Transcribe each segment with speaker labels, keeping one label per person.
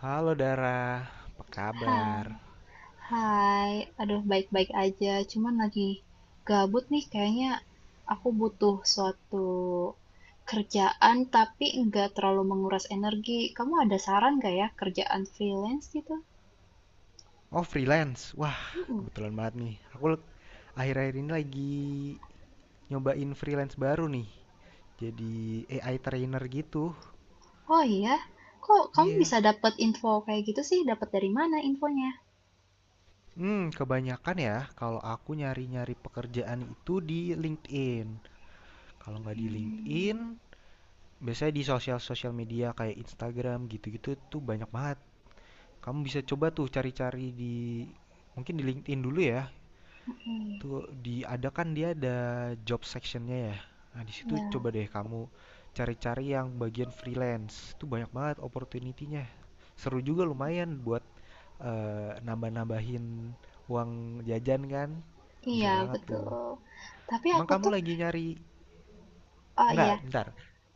Speaker 1: Halo Dara, apa
Speaker 2: Hai,
Speaker 1: kabar?
Speaker 2: hai. Aduh, baik-baik aja. Cuman lagi gabut nih kayaknya aku butuh suatu kerjaan tapi nggak terlalu menguras energi. Kamu ada saran nggak ya kerjaan freelance gitu?
Speaker 1: Oh freelance, wah
Speaker 2: Mm-mm.
Speaker 1: kebetulan banget nih. Akhir-akhir ini lagi nyobain freelance baru nih. Jadi AI trainer gitu.
Speaker 2: Oh iya, kok kamu
Speaker 1: Iya.
Speaker 2: bisa dapat info kayak gitu sih? Dapat dari mana infonya?
Speaker 1: Kebanyakan ya kalau aku nyari-nyari pekerjaan itu di LinkedIn. Kalau nggak di
Speaker 2: Hmm,
Speaker 1: LinkedIn, biasanya di sosial-sosial media kayak Instagram gitu-gitu tuh banyak banget. Kamu bisa coba tuh cari-cari di mungkin di LinkedIn dulu ya.
Speaker 2: oke.
Speaker 1: Tuh diadakan dia ada job sectionnya ya. Nah, di situ
Speaker 2: Ya,
Speaker 1: coba deh kamu cari-cari yang bagian freelance. Itu banyak banget opportunity-nya. Seru juga lumayan buat nambah-nambahin uang jajan kan. Bisa
Speaker 2: iya
Speaker 1: banget tuh.
Speaker 2: betul. Tapi
Speaker 1: Emang
Speaker 2: aku
Speaker 1: kamu
Speaker 2: tuh,
Speaker 1: lagi nyari
Speaker 2: oh ya.
Speaker 1: enggak, bentar.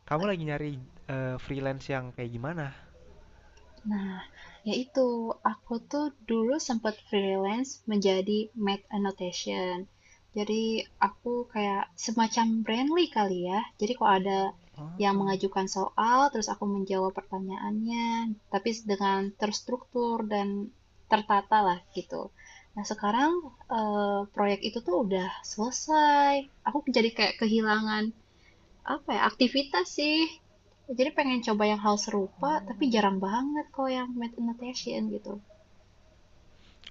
Speaker 1: Kamu lagi nyari freelance yang kayak gimana?
Speaker 2: Nah, yaitu aku tuh dulu sempat freelance menjadi make annotation. Jadi aku kayak semacam Brandly kali ya. Jadi kalau ada yang
Speaker 1: Oh.
Speaker 2: mengajukan soal, terus aku menjawab pertanyaannya, tapi dengan terstruktur dan tertata lah gitu. Nah, sekarang proyek itu tuh udah selesai. Aku jadi kayak kehilangan apa ya, aktivitas sih. Jadi pengen coba yang hal serupa, tapi
Speaker 1: Oh.
Speaker 2: jarang banget kalau yang math and gitu.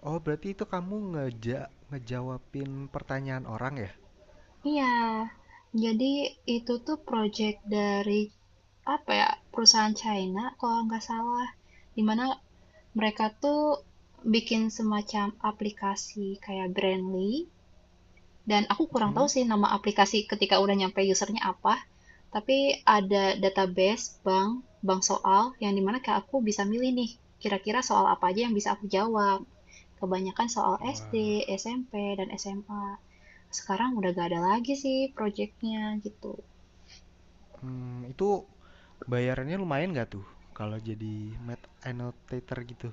Speaker 1: Oh, berarti itu kamu ngejawabin pertanyaan orang ya?
Speaker 2: Iya, jadi itu tuh project dari apa ya, perusahaan China kalau nggak salah. Dimana mereka tuh bikin semacam aplikasi kayak Brandly. Dan aku kurang tahu
Speaker 1: Mm-mm.
Speaker 2: sih nama aplikasi ketika udah nyampe usernya apa. Tapi ada database bank soal yang dimana kayak aku bisa milih nih kira-kira soal apa aja yang bisa aku jawab. Kebanyakan soal SD,
Speaker 1: Wah.
Speaker 2: SMP, dan SMA. Sekarang udah gak ada lagi sih proyeknya gitu.
Speaker 1: Hmm, itu bayarannya lumayan nggak tuh kalau jadi Math annotator gitu?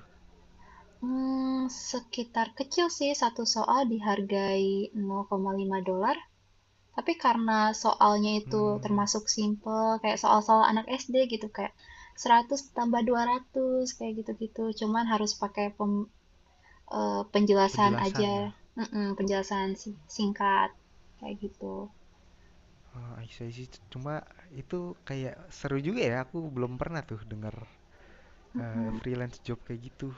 Speaker 2: Hmm, sekitar kecil sih satu soal dihargai 0,5 dolar. Tapi karena soalnya itu
Speaker 1: Hmm,
Speaker 2: termasuk simple, kayak soal-soal anak SD gitu, kayak 100 tambah 200, kayak gitu-gitu. Cuman harus pakai penjelasan
Speaker 1: penjelasan
Speaker 2: aja.
Speaker 1: ya.
Speaker 2: Mhm, penjelasan singkat, kayak gitu.
Speaker 1: Oh, I see, I see. Cuma itu kayak seru juga ya. Aku belum pernah tuh denger
Speaker 2: Mhm.
Speaker 1: freelance job kayak gitu.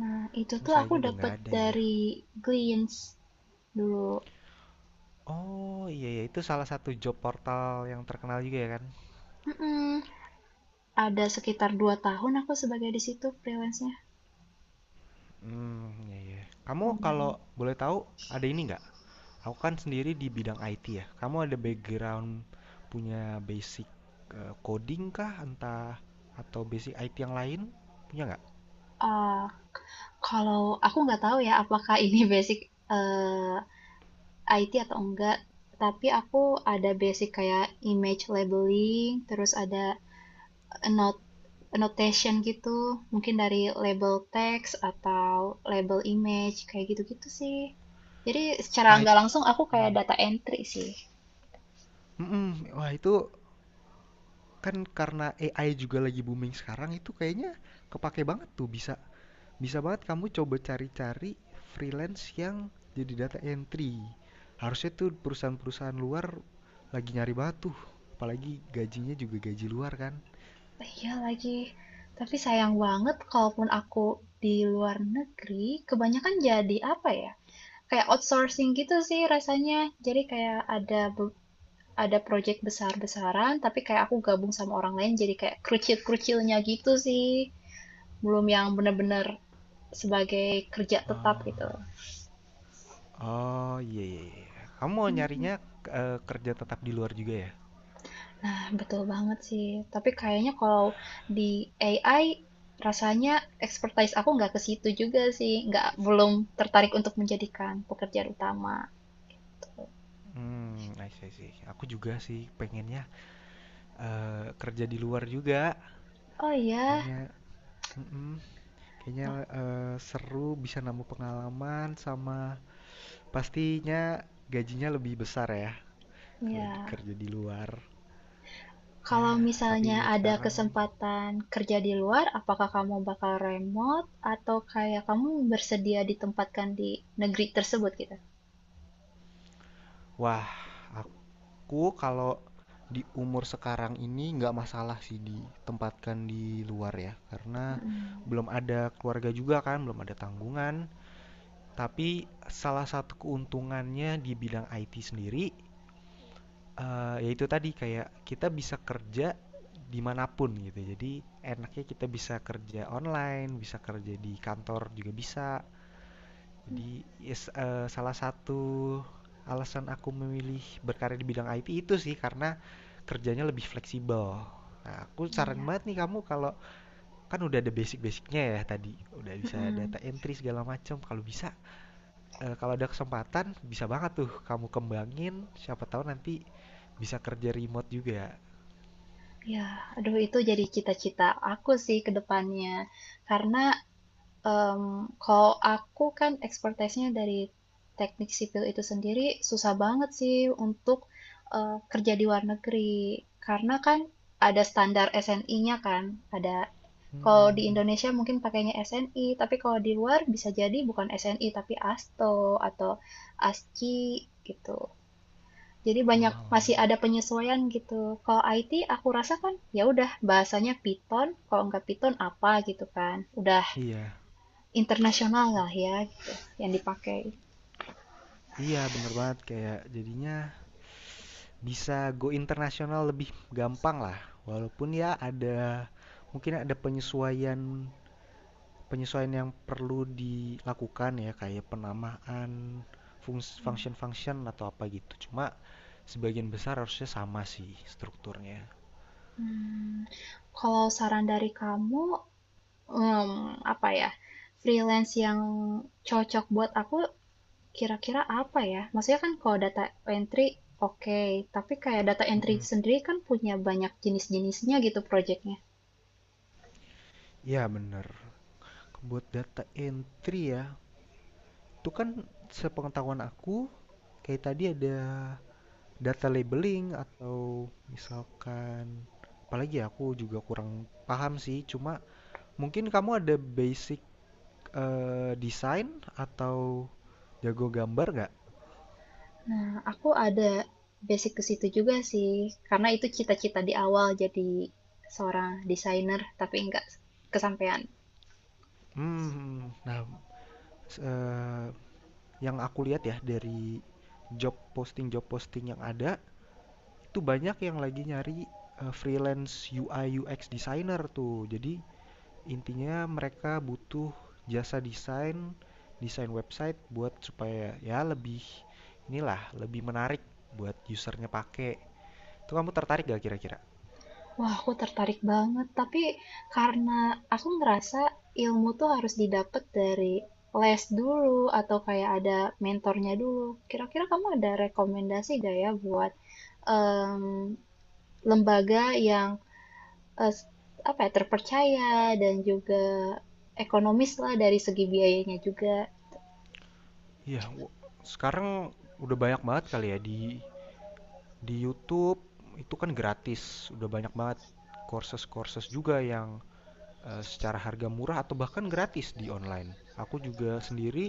Speaker 2: Nah, itu
Speaker 1: Cuma
Speaker 2: tuh aku
Speaker 1: sayangnya udah
Speaker 2: dapat
Speaker 1: nggak ada ya.
Speaker 2: dari Glints dulu.
Speaker 1: Oh iya ya itu salah satu job portal yang terkenal juga ya kan?
Speaker 2: Mhm, ada sekitar 2 tahun aku sebagai di situ freelance-nya,
Speaker 1: Hmm, iya iya. Kamu kalau
Speaker 2: lumayan.
Speaker 1: boleh tahu ada ini nggak? Aku kan sendiri di bidang IT ya. Kamu ada background punya basic coding kah, entah atau basic IT yang lain punya nggak?
Speaker 2: Ah, kalau aku nggak tahu ya apakah ini basic, eee, IT atau enggak, tapi aku ada basic kayak image labeling, terus ada a note- a notation gitu, mungkin dari label text atau label image kayak gitu-gitu sih. Jadi secara
Speaker 1: Ah, it-
Speaker 2: nggak langsung aku kayak
Speaker 1: Iya.
Speaker 2: data entry sih.
Speaker 1: Mm-mm. Wah itu kan karena AI juga lagi booming sekarang itu kayaknya kepake banget tuh bisa bisa banget kamu coba cari-cari freelance yang jadi data entry. Harusnya tuh perusahaan-perusahaan luar lagi nyari batu, apalagi gajinya juga gaji luar kan.
Speaker 2: Oh iya lagi, tapi sayang banget kalaupun aku di luar negeri, kebanyakan jadi apa ya? Kayak outsourcing gitu sih rasanya. Jadi kayak ada project besar-besaran, tapi kayak aku gabung sama orang lain jadi kayak kerucil-kerucilnya gitu sih. Belum yang benar-benar sebagai kerja
Speaker 1: Eh,
Speaker 2: tetap gitu.
Speaker 1: Oh, iya iya iya. Kamu mau nyarinya kerja tetap di luar juga ya?
Speaker 2: Nah, betul banget sih. Tapi kayaknya kalau di AI rasanya expertise aku nggak ke situ juga sih, nggak belum tertarik untuk menjadikan pekerjaan utama.
Speaker 1: Hmm, I see, I see. Aku juga sih pengennya kerja di luar juga.
Speaker 2: Oh iya,
Speaker 1: Kayaknya, mm-mm, kayaknya seru bisa nambah pengalaman sama pastinya gajinya lebih besar ya
Speaker 2: ya.
Speaker 1: kerja di luar. Ya,
Speaker 2: Kalau
Speaker 1: tapi
Speaker 2: misalnya
Speaker 1: buat
Speaker 2: ada
Speaker 1: sekarang,
Speaker 2: kesempatan kerja di luar, apakah kamu bakal remote atau kayak kamu bersedia ditempatkan di negeri tersebut gitu?
Speaker 1: wah, aku kalau di umur sekarang ini nggak masalah sih ditempatkan di luar ya, karena
Speaker 2: Mm,
Speaker 1: belum ada keluarga juga kan, belum ada tanggungan. Tapi salah satu keuntungannya di bidang IT sendiri, yaitu tadi kayak kita bisa kerja dimanapun gitu. Jadi enaknya kita bisa kerja online, bisa kerja di kantor juga bisa, jadi yes, salah satu alasan aku memilih berkarya di bidang IT itu sih karena kerjanya lebih fleksibel. Nah, aku saran
Speaker 2: iya.
Speaker 1: banget nih kamu kalau kan udah ada basic-basicnya ya tadi, udah bisa
Speaker 2: mm
Speaker 1: data entry segala macam. Kalau bisa, kalau ada kesempatan bisa banget tuh kamu kembangin, siapa tahu nanti bisa kerja remote juga.
Speaker 2: Ya, aduh itu jadi cita-cita aku sih ke depannya. Karena em, kalau aku kan expertise-nya dari teknik sipil itu sendiri susah banget sih untuk kerja di luar negeri. Karena kan ada standar SNI-nya kan, ada kalau
Speaker 1: Mhm
Speaker 2: di
Speaker 1: mhm.
Speaker 2: Indonesia mungkin pakainya SNI, tapi kalau di luar bisa jadi bukan SNI tapi ASTO atau ASCII gitu. Jadi banyak masih
Speaker 1: Walah.
Speaker 2: ada penyesuaian gitu. Kalau IT aku rasa kan ya udah bahasanya Python, kalau nggak Python apa gitu kan. Udah
Speaker 1: Iya
Speaker 2: internasional lah ya gitu yang dipakai.
Speaker 1: iya, bener banget kayak jadinya bisa go internasional lebih gampang lah walaupun ya ada mungkin ada penyesuaian penyesuaian yang perlu dilakukan ya kayak penamaan function-function atau apa gitu cuma sebagian besar harusnya sama sih strukturnya.
Speaker 2: Hmm, kalau saran dari kamu em, apa ya? Freelance yang cocok buat aku kira-kira apa ya? Maksudnya kan kalau data entry, oke, okay, tapi kayak data entry
Speaker 1: Mm-mm.
Speaker 2: sendiri kan punya banyak jenis-jenisnya gitu projectnya.
Speaker 1: Ya bener, buat data entry ya itu kan sepengetahuan aku kayak tadi ada data labeling atau misalkan apalagi ya, aku juga kurang paham sih cuma mungkin kamu ada basic desain atau jago gambar nggak?
Speaker 2: Nah, aku ada basic ke situ juga sih, karena itu cita-cita di awal jadi seorang desainer, tapi nggak kesampaian.
Speaker 1: Hmm, nah s- eh, yang aku lihat ya dari job posting yang ada itu banyak yang lagi nyari freelance UI UX designer tuh jadi intinya mereka butuh jasa desain, desain website buat supaya ya lebih inilah, lebih menarik buat usernya pakai. Itu kamu tertarik gak kira-kira?
Speaker 2: Wah, aku tertarik banget, tapi karena aku ngerasa ilmu tuh harus didapat dari les dulu atau kayak ada mentornya dulu. Kira-kira kamu ada rekomendasi gak ya buat em, lembaga yang eh, apa ya, terpercaya dan juga ekonomis lah dari segi biayanya juga?
Speaker 1: Iya, sekarang udah banyak banget kali ya di YouTube itu kan gratis, udah banyak banget courses-courses juga yang secara harga murah atau bahkan gratis di online. Aku juga sendiri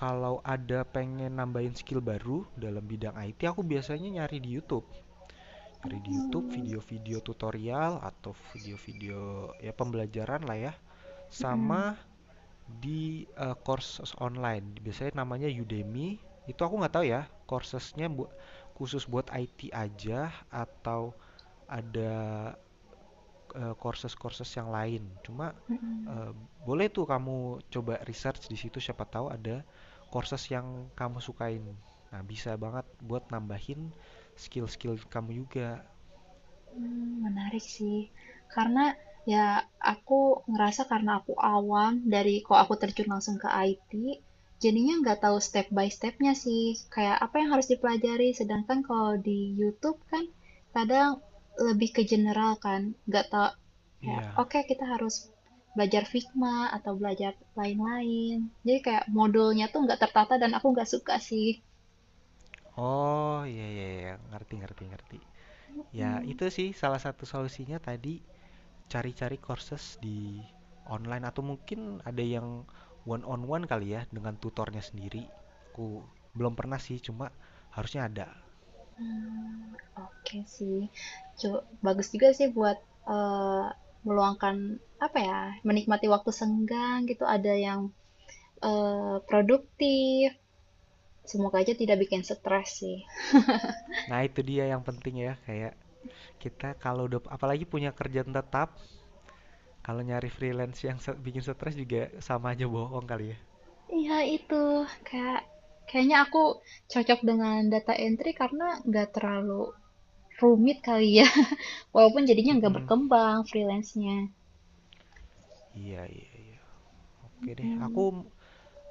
Speaker 1: kalau ada pengen nambahin skill baru dalam bidang IT, aku biasanya nyari di YouTube. Cari di YouTube
Speaker 2: Mmm.
Speaker 1: video-video tutorial atau video-video ya pembelajaran lah ya.
Speaker 2: Mhm,
Speaker 1: Sama di courses online. Biasanya namanya Udemy. Itu aku nggak tahu ya, khusus buat IT aja atau ada courses-courses yang lain. Cuma
Speaker 2: mhm.
Speaker 1: eh, boleh tuh kamu coba research di situ siapa tahu ada courses yang kamu sukain. Nah, bisa banget buat nambahin skill-skill kamu juga.
Speaker 2: Menarik sih. Karena, ya aku ngerasa karena aku awam dari kok aku terjun langsung ke IT, jadinya nggak tahu step by stepnya sih, kayak apa yang harus dipelajari. Sedangkan kalau di YouTube kan kadang lebih ke general kan, nggak tau kayak,
Speaker 1: Iya,
Speaker 2: oke kita harus belajar Figma atau belajar lain-lain. Jadi kayak modulnya tuh nggak tertata dan aku nggak suka sih.
Speaker 1: oh, iya iya iya, ngerti ngerti ngerti. Ya,
Speaker 2: Mhm.
Speaker 1: itu sih salah satu solusinya tadi cari-cari courses di online atau mungkin ada yang one on one kali ya dengan tutornya sendiri. Aku belum pernah sih, cuma harusnya ada.
Speaker 2: Mmm, oke sih. Cu bagus juga sih buat, eee, meluangkan, apa ya, menikmati waktu senggang gitu, ada yang, produktif, semoga aja tidak bikin stres sih.
Speaker 1: Nah, itu dia yang penting ya, kayak kita kalau udah apalagi punya kerjaan tetap, kalau nyari freelance yang bikin stres juga sama aja bohong kali ya.
Speaker 2: Iya itu, kayak kayaknya aku cocok dengan data entry karena nggak terlalu rumit kali ya, walaupun jadinya nggak
Speaker 1: Mm-mm.
Speaker 2: berkembang freelance-nya.
Speaker 1: Iya iya iya. Oke deh, aku
Speaker 2: Mmm,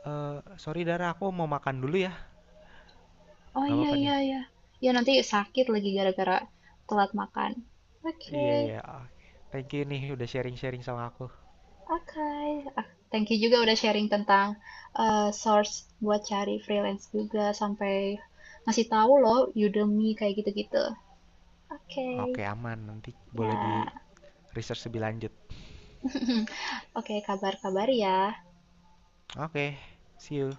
Speaker 1: eh sorry Dara, aku mau makan dulu ya.
Speaker 2: oh
Speaker 1: Gak
Speaker 2: iya
Speaker 1: apa-apa
Speaker 2: iya
Speaker 1: nih.
Speaker 2: iya. Ya nanti sakit lagi gara-gara telat makan.
Speaker 1: Iya,
Speaker 2: Oke.
Speaker 1: iya. Oke. Thank you nih udah sharing-sharing sama aku.
Speaker 2: Oke, ah, thank you juga udah sharing tentang source buat cari freelance juga sampai ngasih tahu loh Udemy kayak gitu-gitu. Oke,
Speaker 1: Oke, aman. Nanti boleh di
Speaker 2: ya.
Speaker 1: research lebih lanjut.
Speaker 2: Oke, kabar-kabar ya.
Speaker 1: Oke, see you.